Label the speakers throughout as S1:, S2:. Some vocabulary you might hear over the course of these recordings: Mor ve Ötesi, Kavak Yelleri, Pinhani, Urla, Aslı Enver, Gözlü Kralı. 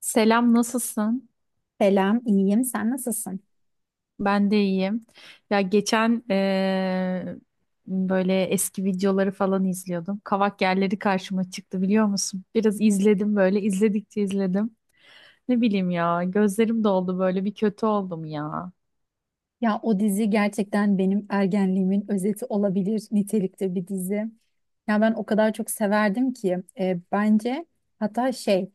S1: Selam, nasılsın?
S2: Selam, iyiyim. Sen nasılsın?
S1: Ben de iyiyim. Ya geçen böyle eski videoları falan izliyordum. Kavak yerleri karşıma çıktı biliyor musun? Biraz izledim böyle, izledikçe izledim. Ne bileyim ya, gözlerim doldu böyle bir kötü oldum ya.
S2: Ya o dizi gerçekten benim ergenliğimin özeti olabilir nitelikte bir dizi. Ya ben o kadar çok severdim ki bence hatta şey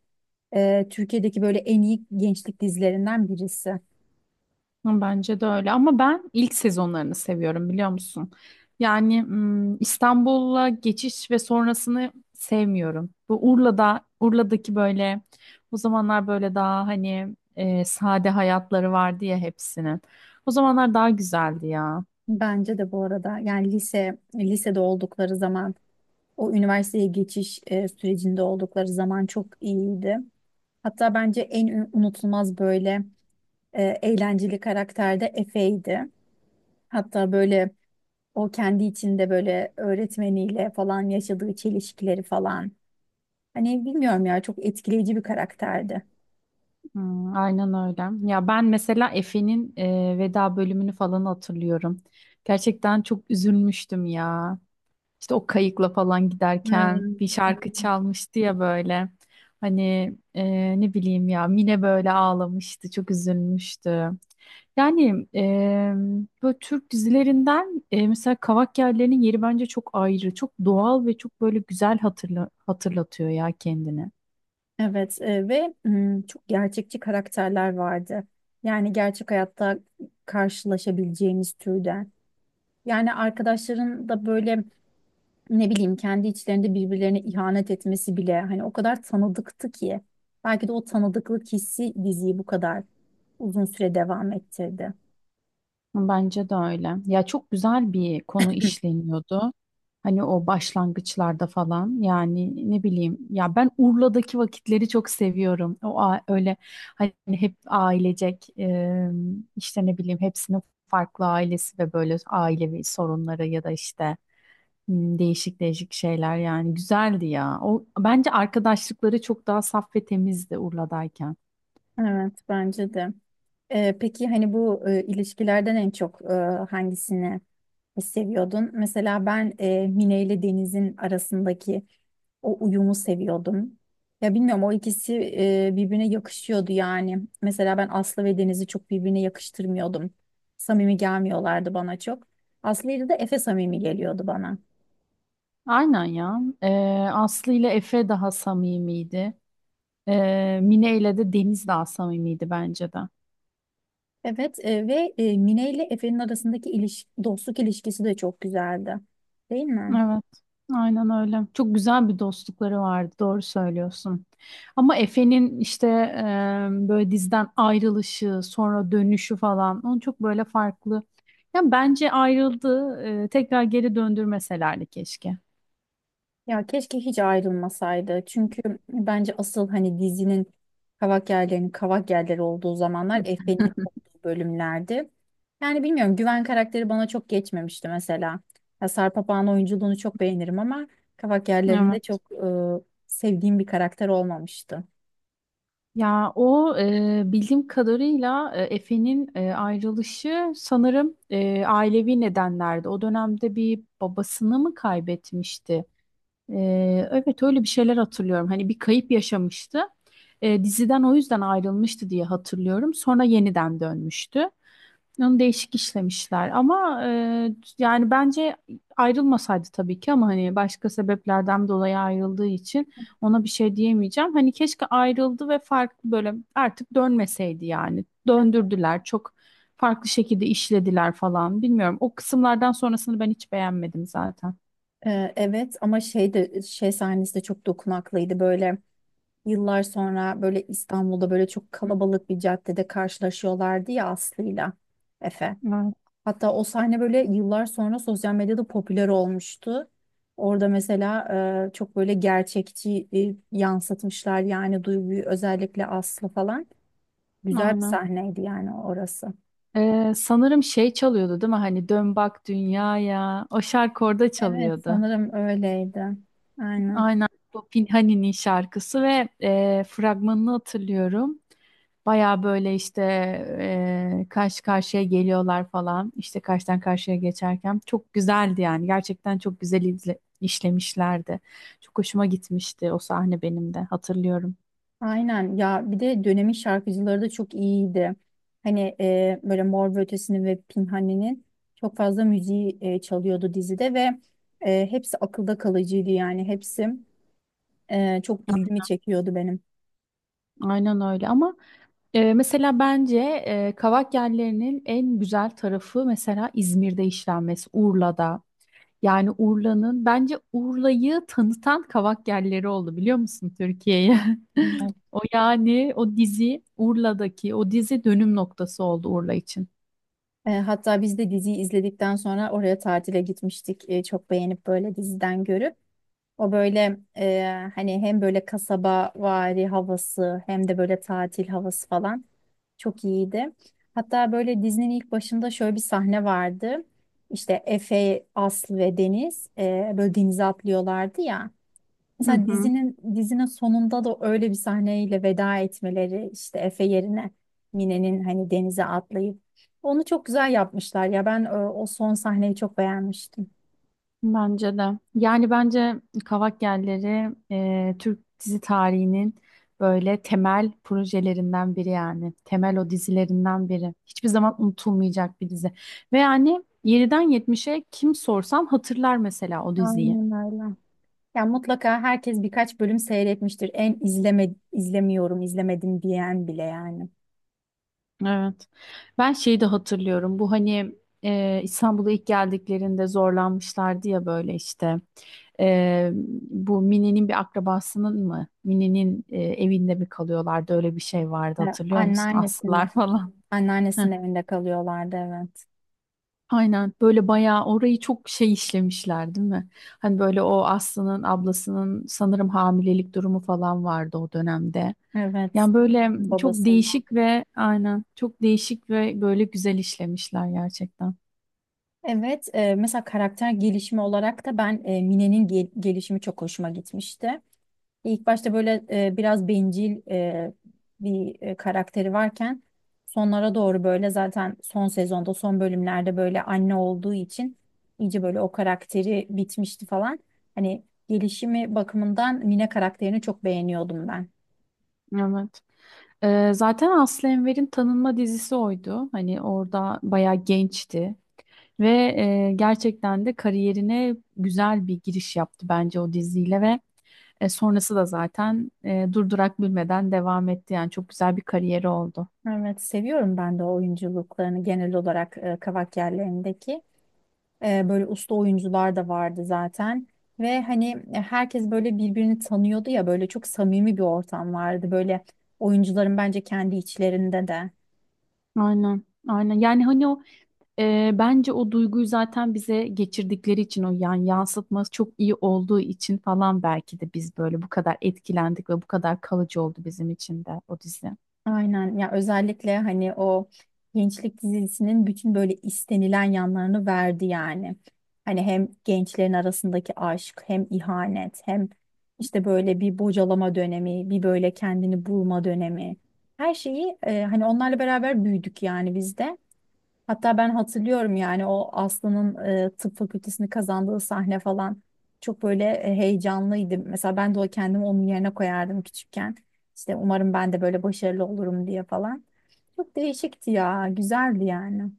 S2: Türkiye'deki böyle en iyi gençlik dizilerinden birisi.
S1: Hı, bence de öyle ama ben ilk sezonlarını seviyorum biliyor musun? Yani hmm, İstanbul'a geçiş ve sonrasını sevmiyorum. Bu Urla'daki böyle o zamanlar böyle daha hani sade hayatları vardı ya hepsinin. O zamanlar daha güzeldi ya.
S2: Bence de bu arada yani lisede oldukları zaman o üniversiteye geçiş sürecinde oldukları zaman çok iyiydi. Hatta bence en unutulmaz böyle eğlenceli karakter de Efe'ydi. Hatta böyle o kendi içinde böyle öğretmeniyle falan yaşadığı çelişkileri falan. Hani bilmiyorum ya çok etkileyici bir karakterdi.
S1: Hmm, aynen öyle. Ya ben mesela Efe'nin veda bölümünü falan hatırlıyorum. Gerçekten çok üzülmüştüm ya. İşte o kayıkla falan giderken
S2: Evet.
S1: bir şarkı çalmıştı ya böyle. Hani ne bileyim ya Mine böyle ağlamıştı, çok üzülmüştü. Yani e, Böyle Türk dizilerinden mesela Kavak Yellerinin yeri bence çok ayrı, çok doğal ve çok böyle güzel hatırlatıyor ya kendini.
S2: Evet ve çok gerçekçi karakterler vardı. Yani gerçek hayatta karşılaşabileceğimiz türden. Yani arkadaşların da böyle ne bileyim kendi içlerinde birbirlerine ihanet etmesi bile hani o kadar tanıdıktı ki. Belki de o tanıdıklık hissi diziyi bu kadar uzun süre devam ettirdi.
S1: Bence de öyle. Ya çok güzel bir konu işleniyordu. Hani o başlangıçlarda falan yani ne bileyim ya ben Urla'daki vakitleri çok seviyorum. O öyle hani hep ailecek işte ne bileyim hepsinin farklı ailesi ve böyle ailevi sorunları ya da işte değişik değişik şeyler yani güzeldi ya. O bence arkadaşlıkları çok daha saf ve temizdi Urla'dayken.
S2: Evet bence de. Peki hani bu ilişkilerden en çok hangisini seviyordun? Mesela ben Mine ile Deniz'in arasındaki o uyumu seviyordum. Ya bilmiyorum o ikisi birbirine yakışıyordu yani. Mesela ben Aslı ve Deniz'i çok birbirine yakıştırmıyordum. Samimi gelmiyorlardı bana çok. Aslı ile de Efe samimi geliyordu bana.
S1: Aynen ya. Aslı ile Efe daha samimiydi. Mine ile de Deniz daha samimiydi bence de.
S2: Evet ve Mine ile Efe'nin arasındaki dostluk ilişkisi de çok güzeldi. Değil mi?
S1: Evet, aynen öyle. Çok güzel bir dostlukları vardı, doğru söylüyorsun. Ama Efe'nin işte böyle dizden ayrılışı, sonra dönüşü falan, onu çok böyle farklı. Yani bence ayrıldı, tekrar geri döndürmeselerdi keşke.
S2: Ya keşke hiç ayrılmasaydı. Çünkü bence asıl hani dizinin kavak yerleri olduğu zamanlar Efe'nin olduğu bölümlerdi. Yani bilmiyorum Güven karakteri bana çok geçmemişti mesela. Ya Sarp Apağan oyunculuğunu çok beğenirim ama kavak yerlerinde
S1: Evet.
S2: çok sevdiğim bir karakter olmamıştı.
S1: Ya o bildiğim kadarıyla Efe'nin ayrılışı sanırım ailevi nedenlerde. O dönemde bir babasını mı kaybetmişti? E, evet öyle bir şeyler hatırlıyorum. Hani bir kayıp yaşamıştı. Diziden o yüzden ayrılmıştı diye hatırlıyorum. Sonra yeniden dönmüştü. Onu değişik işlemişler ama yani bence ayrılmasaydı tabii ki ama hani başka sebeplerden dolayı ayrıldığı için ona bir şey diyemeyeceğim. Hani keşke ayrıldı ve farklı böyle artık dönmeseydi yani. Döndürdüler çok farklı şekilde işlediler falan bilmiyorum. O kısımlardan sonrasını ben hiç beğenmedim zaten.
S2: Evet ama şey de şey sahnesi de çok dokunaklıydı böyle. Yıllar sonra böyle İstanbul'da böyle çok kalabalık bir caddede karşılaşıyorlardı ya Aslı'yla Efe.
S1: Evet,
S2: Hatta o sahne böyle yıllar sonra sosyal medyada popüler olmuştu. Orada mesela çok böyle gerçekçi yansıtmışlar yani duyguyu özellikle Aslı falan. Güzel bir
S1: aynen.
S2: sahneydi yani orası.
S1: Sanırım şey çalıyordu değil mi? Hani dön bak dünyaya. O şarkı orada
S2: Evet
S1: çalıyordu.
S2: sanırım öyleydi. Aynen.
S1: Aynen bu Pinhani'nin şarkısı ve fragmanını hatırlıyorum. Baya böyle işte karşı karşıya geliyorlar falan. İşte karşıdan karşıya geçerken çok güzeldi yani. Gerçekten çok güzel işlemişlerdi. Çok hoşuma gitmişti o sahne benim de hatırlıyorum.
S2: Aynen ya bir de dönemin şarkıcıları da çok iyiydi. Hani böyle Mor ve Ötesi'nin ve Pinhani'nin çok fazla müziği çalıyordu dizide ve hepsi akılda kalıcıydı yani hepsi çok ilgimi çekiyordu benim.
S1: Aynen öyle ama mesela bence Kavak Yelleri'nin en güzel tarafı mesela İzmir'de işlenmesi, Urla'da. Yani Urla'nın bence Urla'yı tanıtan kavak yerleri oldu biliyor musun Türkiye'ye? O yani o dizi Urla'daki o dizi dönüm noktası oldu Urla için.
S2: E, hatta biz de diziyi izledikten sonra oraya tatile gitmiştik. E, çok beğenip böyle diziden görüp. O böyle hani hem böyle kasaba vari havası hem de böyle tatil havası falan çok iyiydi. Hatta böyle dizinin ilk başında şöyle bir sahne vardı. İşte Efe, Aslı ve Deniz böyle denize atlıyorlardı ya.
S1: Hı
S2: Mesela
S1: hı.
S2: dizinin sonunda da öyle bir sahneyle veda etmeleri işte Efe yerine Mine'nin hani denize atlayıp onu çok güzel yapmışlar ya ben o son sahneyi çok beğenmiştim.
S1: Bence de. Yani bence kavak yerleri Türk dizi tarihinin böyle temel projelerinden biri yani. Temel o dizilerinden biri. Hiçbir zaman unutulmayacak bir dizi. Ve yani 7'den 70'e kim sorsam hatırlar mesela o diziyi.
S2: Aynen öyle. Ya mutlaka herkes birkaç bölüm seyretmiştir. En izlemiyorum, izlemedim diyen bile yani.
S1: Evet. Ben şeyi de hatırlıyorum. Bu hani İstanbul'a ilk geldiklerinde zorlanmışlardı ya böyle işte. E, Bu Mine'nin bir akrabasının mı? Mine'nin evinde mi kalıyorlardı? Öyle bir şey vardı
S2: E,
S1: hatırlıyor musun?
S2: anneannesinin
S1: Aslılar falan.
S2: anneannesinin evinde kalıyorlardı evet.
S1: Aynen böyle bayağı orayı çok şey işlemişler değil mi? Hani böyle o Aslı'nın ablasının sanırım hamilelik durumu falan vardı o dönemde.
S2: Evet.
S1: Yani böyle çok
S2: Babası.
S1: değişik ve aynen çok değişik ve böyle güzel işlemişler gerçekten.
S2: Evet, mesela karakter gelişimi olarak da ben Mine'nin gelişimi çok hoşuma gitmişti. İlk başta böyle biraz bencil bir karakteri varken sonlara doğru böyle zaten son sezonda son bölümlerde böyle anne olduğu için iyice böyle o karakteri bitmişti falan. Hani gelişimi bakımından Mine karakterini çok beğeniyordum ben.
S1: Evet. Zaten Aslı Enver'in tanınma dizisi oydu. Hani orada bayağı gençti. Ve gerçekten de kariyerine güzel bir giriş yaptı bence o diziyle ve sonrası da zaten durdurak bilmeden devam etti. Yani çok güzel bir kariyeri oldu.
S2: Evet seviyorum ben de o oyunculuklarını genel olarak Kavak yerlerindeki. E, böyle usta oyuncular da vardı zaten. Ve hani herkes böyle birbirini tanıyordu ya böyle çok samimi bir ortam vardı. Böyle oyuncuların bence kendi içlerinde de.
S1: Aynen, aynen. Yani hani o bence o duyguyu zaten bize geçirdikleri için o yani yansıtması çok iyi olduğu için falan belki de biz böyle bu kadar etkilendik ve bu kadar kalıcı oldu bizim için de o dizi.
S2: Aynen ya özellikle hani o gençlik dizisinin bütün böyle istenilen yanlarını verdi yani. Hani hem gençlerin arasındaki aşk hem ihanet hem işte böyle bir bocalama dönemi bir böyle kendini bulma dönemi. Her şeyi hani onlarla beraber büyüdük yani biz de. Hatta ben hatırlıyorum yani o Aslı'nın tıp fakültesini kazandığı sahne falan çok böyle heyecanlıydım. Mesela ben de o kendimi onun yerine koyardım küçükken. İşte umarım ben de böyle başarılı olurum diye falan. Çok değişikti ya, güzeldi yani.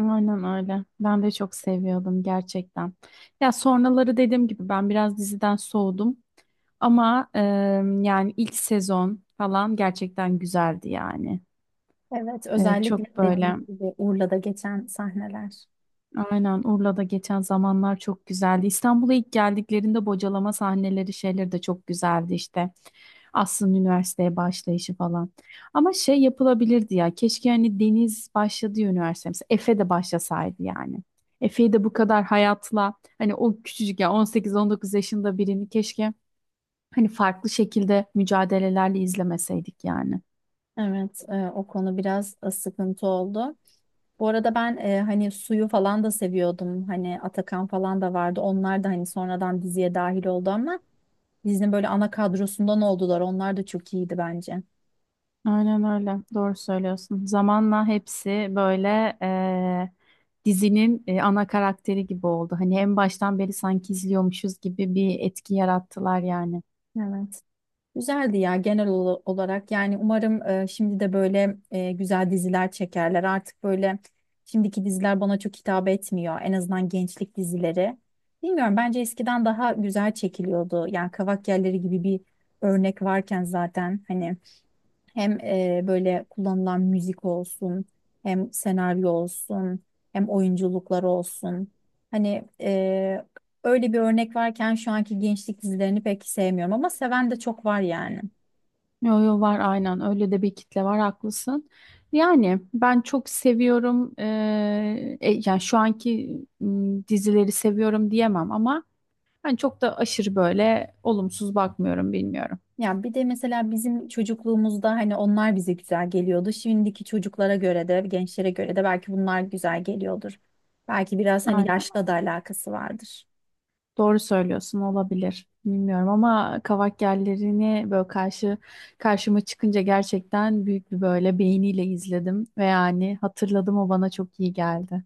S1: Aynen öyle. Ben de çok seviyordum gerçekten. Ya sonraları dediğim gibi ben biraz diziden soğudum. Ama yani ilk sezon falan gerçekten güzeldi yani.
S2: Evet, özellikle
S1: Çok böyle.
S2: dediğim gibi Urla'da geçen sahneler.
S1: Aynen Urla'da geçen zamanlar çok güzeldi. İstanbul'a ilk geldiklerinde bocalama sahneleri şeyleri de çok güzeldi işte. Aslı'nın üniversiteye başlayışı falan. Ama şey yapılabilirdi ya. Keşke hani Deniz başladığı üniversite mesela Efe de başlasaydı yani. Efe'yi de bu kadar hayatla hani o küçücük ya on sekiz on dokuz yaşında birini keşke hani farklı şekilde mücadelelerle izlemeseydik yani.
S2: Evet, o konu biraz sıkıntı oldu. Bu arada ben hani suyu falan da seviyordum. Hani Atakan falan da vardı. Onlar da hani sonradan diziye dahil oldu ama dizinin böyle ana kadrosundan oldular. Onlar da çok iyiydi bence.
S1: Aynen öyle. Doğru söylüyorsun. Zamanla hepsi böyle dizinin ana karakteri gibi oldu. Hani en baştan beri sanki izliyormuşuz gibi bir etki yarattılar yani.
S2: Evet. Güzeldi ya genel olarak. Yani umarım şimdi de böyle güzel diziler çekerler. Artık böyle şimdiki diziler bana çok hitap etmiyor. En azından gençlik dizileri. Bilmiyorum bence eskiden daha güzel çekiliyordu. Yani Kavak Yelleri gibi bir örnek varken zaten hani hem böyle kullanılan müzik olsun, hem senaryo olsun, hem oyunculuklar olsun. Hani öyle bir örnek varken şu anki gençlik dizilerini pek sevmiyorum ama seven de çok var yani.
S1: Yo yo var aynen. Öyle de bir kitle var haklısın. Yani ben çok seviyorum. Yani şu anki dizileri seviyorum diyemem ama ben çok da aşırı böyle olumsuz bakmıyorum bilmiyorum.
S2: Ya bir de mesela bizim çocukluğumuzda hani onlar bize güzel geliyordu. Şimdiki çocuklara göre de, gençlere göre de belki bunlar güzel geliyordur. Belki biraz hani
S1: Aynen.
S2: yaşla da alakası vardır.
S1: Doğru söylüyorsun, olabilir. Bilmiyorum ama kavak yerlerini böyle karşıma çıkınca gerçekten büyük bir böyle beğeniyle izledim ve yani hatırladım o bana çok iyi geldi.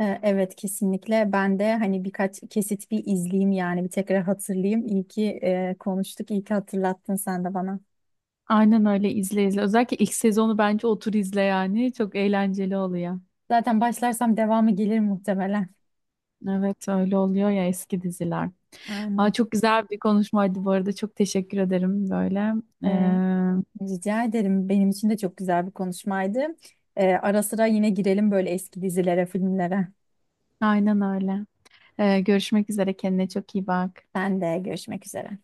S2: E, evet kesinlikle ben de hani birkaç kesit bir izleyeyim yani bir tekrar hatırlayayım. İyi ki konuştuk, iyi ki hatırlattın sen de bana.
S1: Aynen öyle izle izle. Özellikle ilk sezonu bence otur izle yani. Çok eğlenceli oluyor.
S2: Zaten başlarsam devamı gelir muhtemelen.
S1: Evet öyle oluyor ya eski diziler. Aa,
S2: Aynen.
S1: çok güzel bir konuşmaydı bu arada. Çok teşekkür ederim böyle.
S2: E,
S1: Ee,
S2: rica ederim. Benim için de çok güzel bir konuşmaydı. E, ara sıra yine girelim böyle eski dizilere, filmlere.
S1: aynen öyle. Görüşmek üzere. Kendine çok iyi bak.
S2: Ben de görüşmek üzere.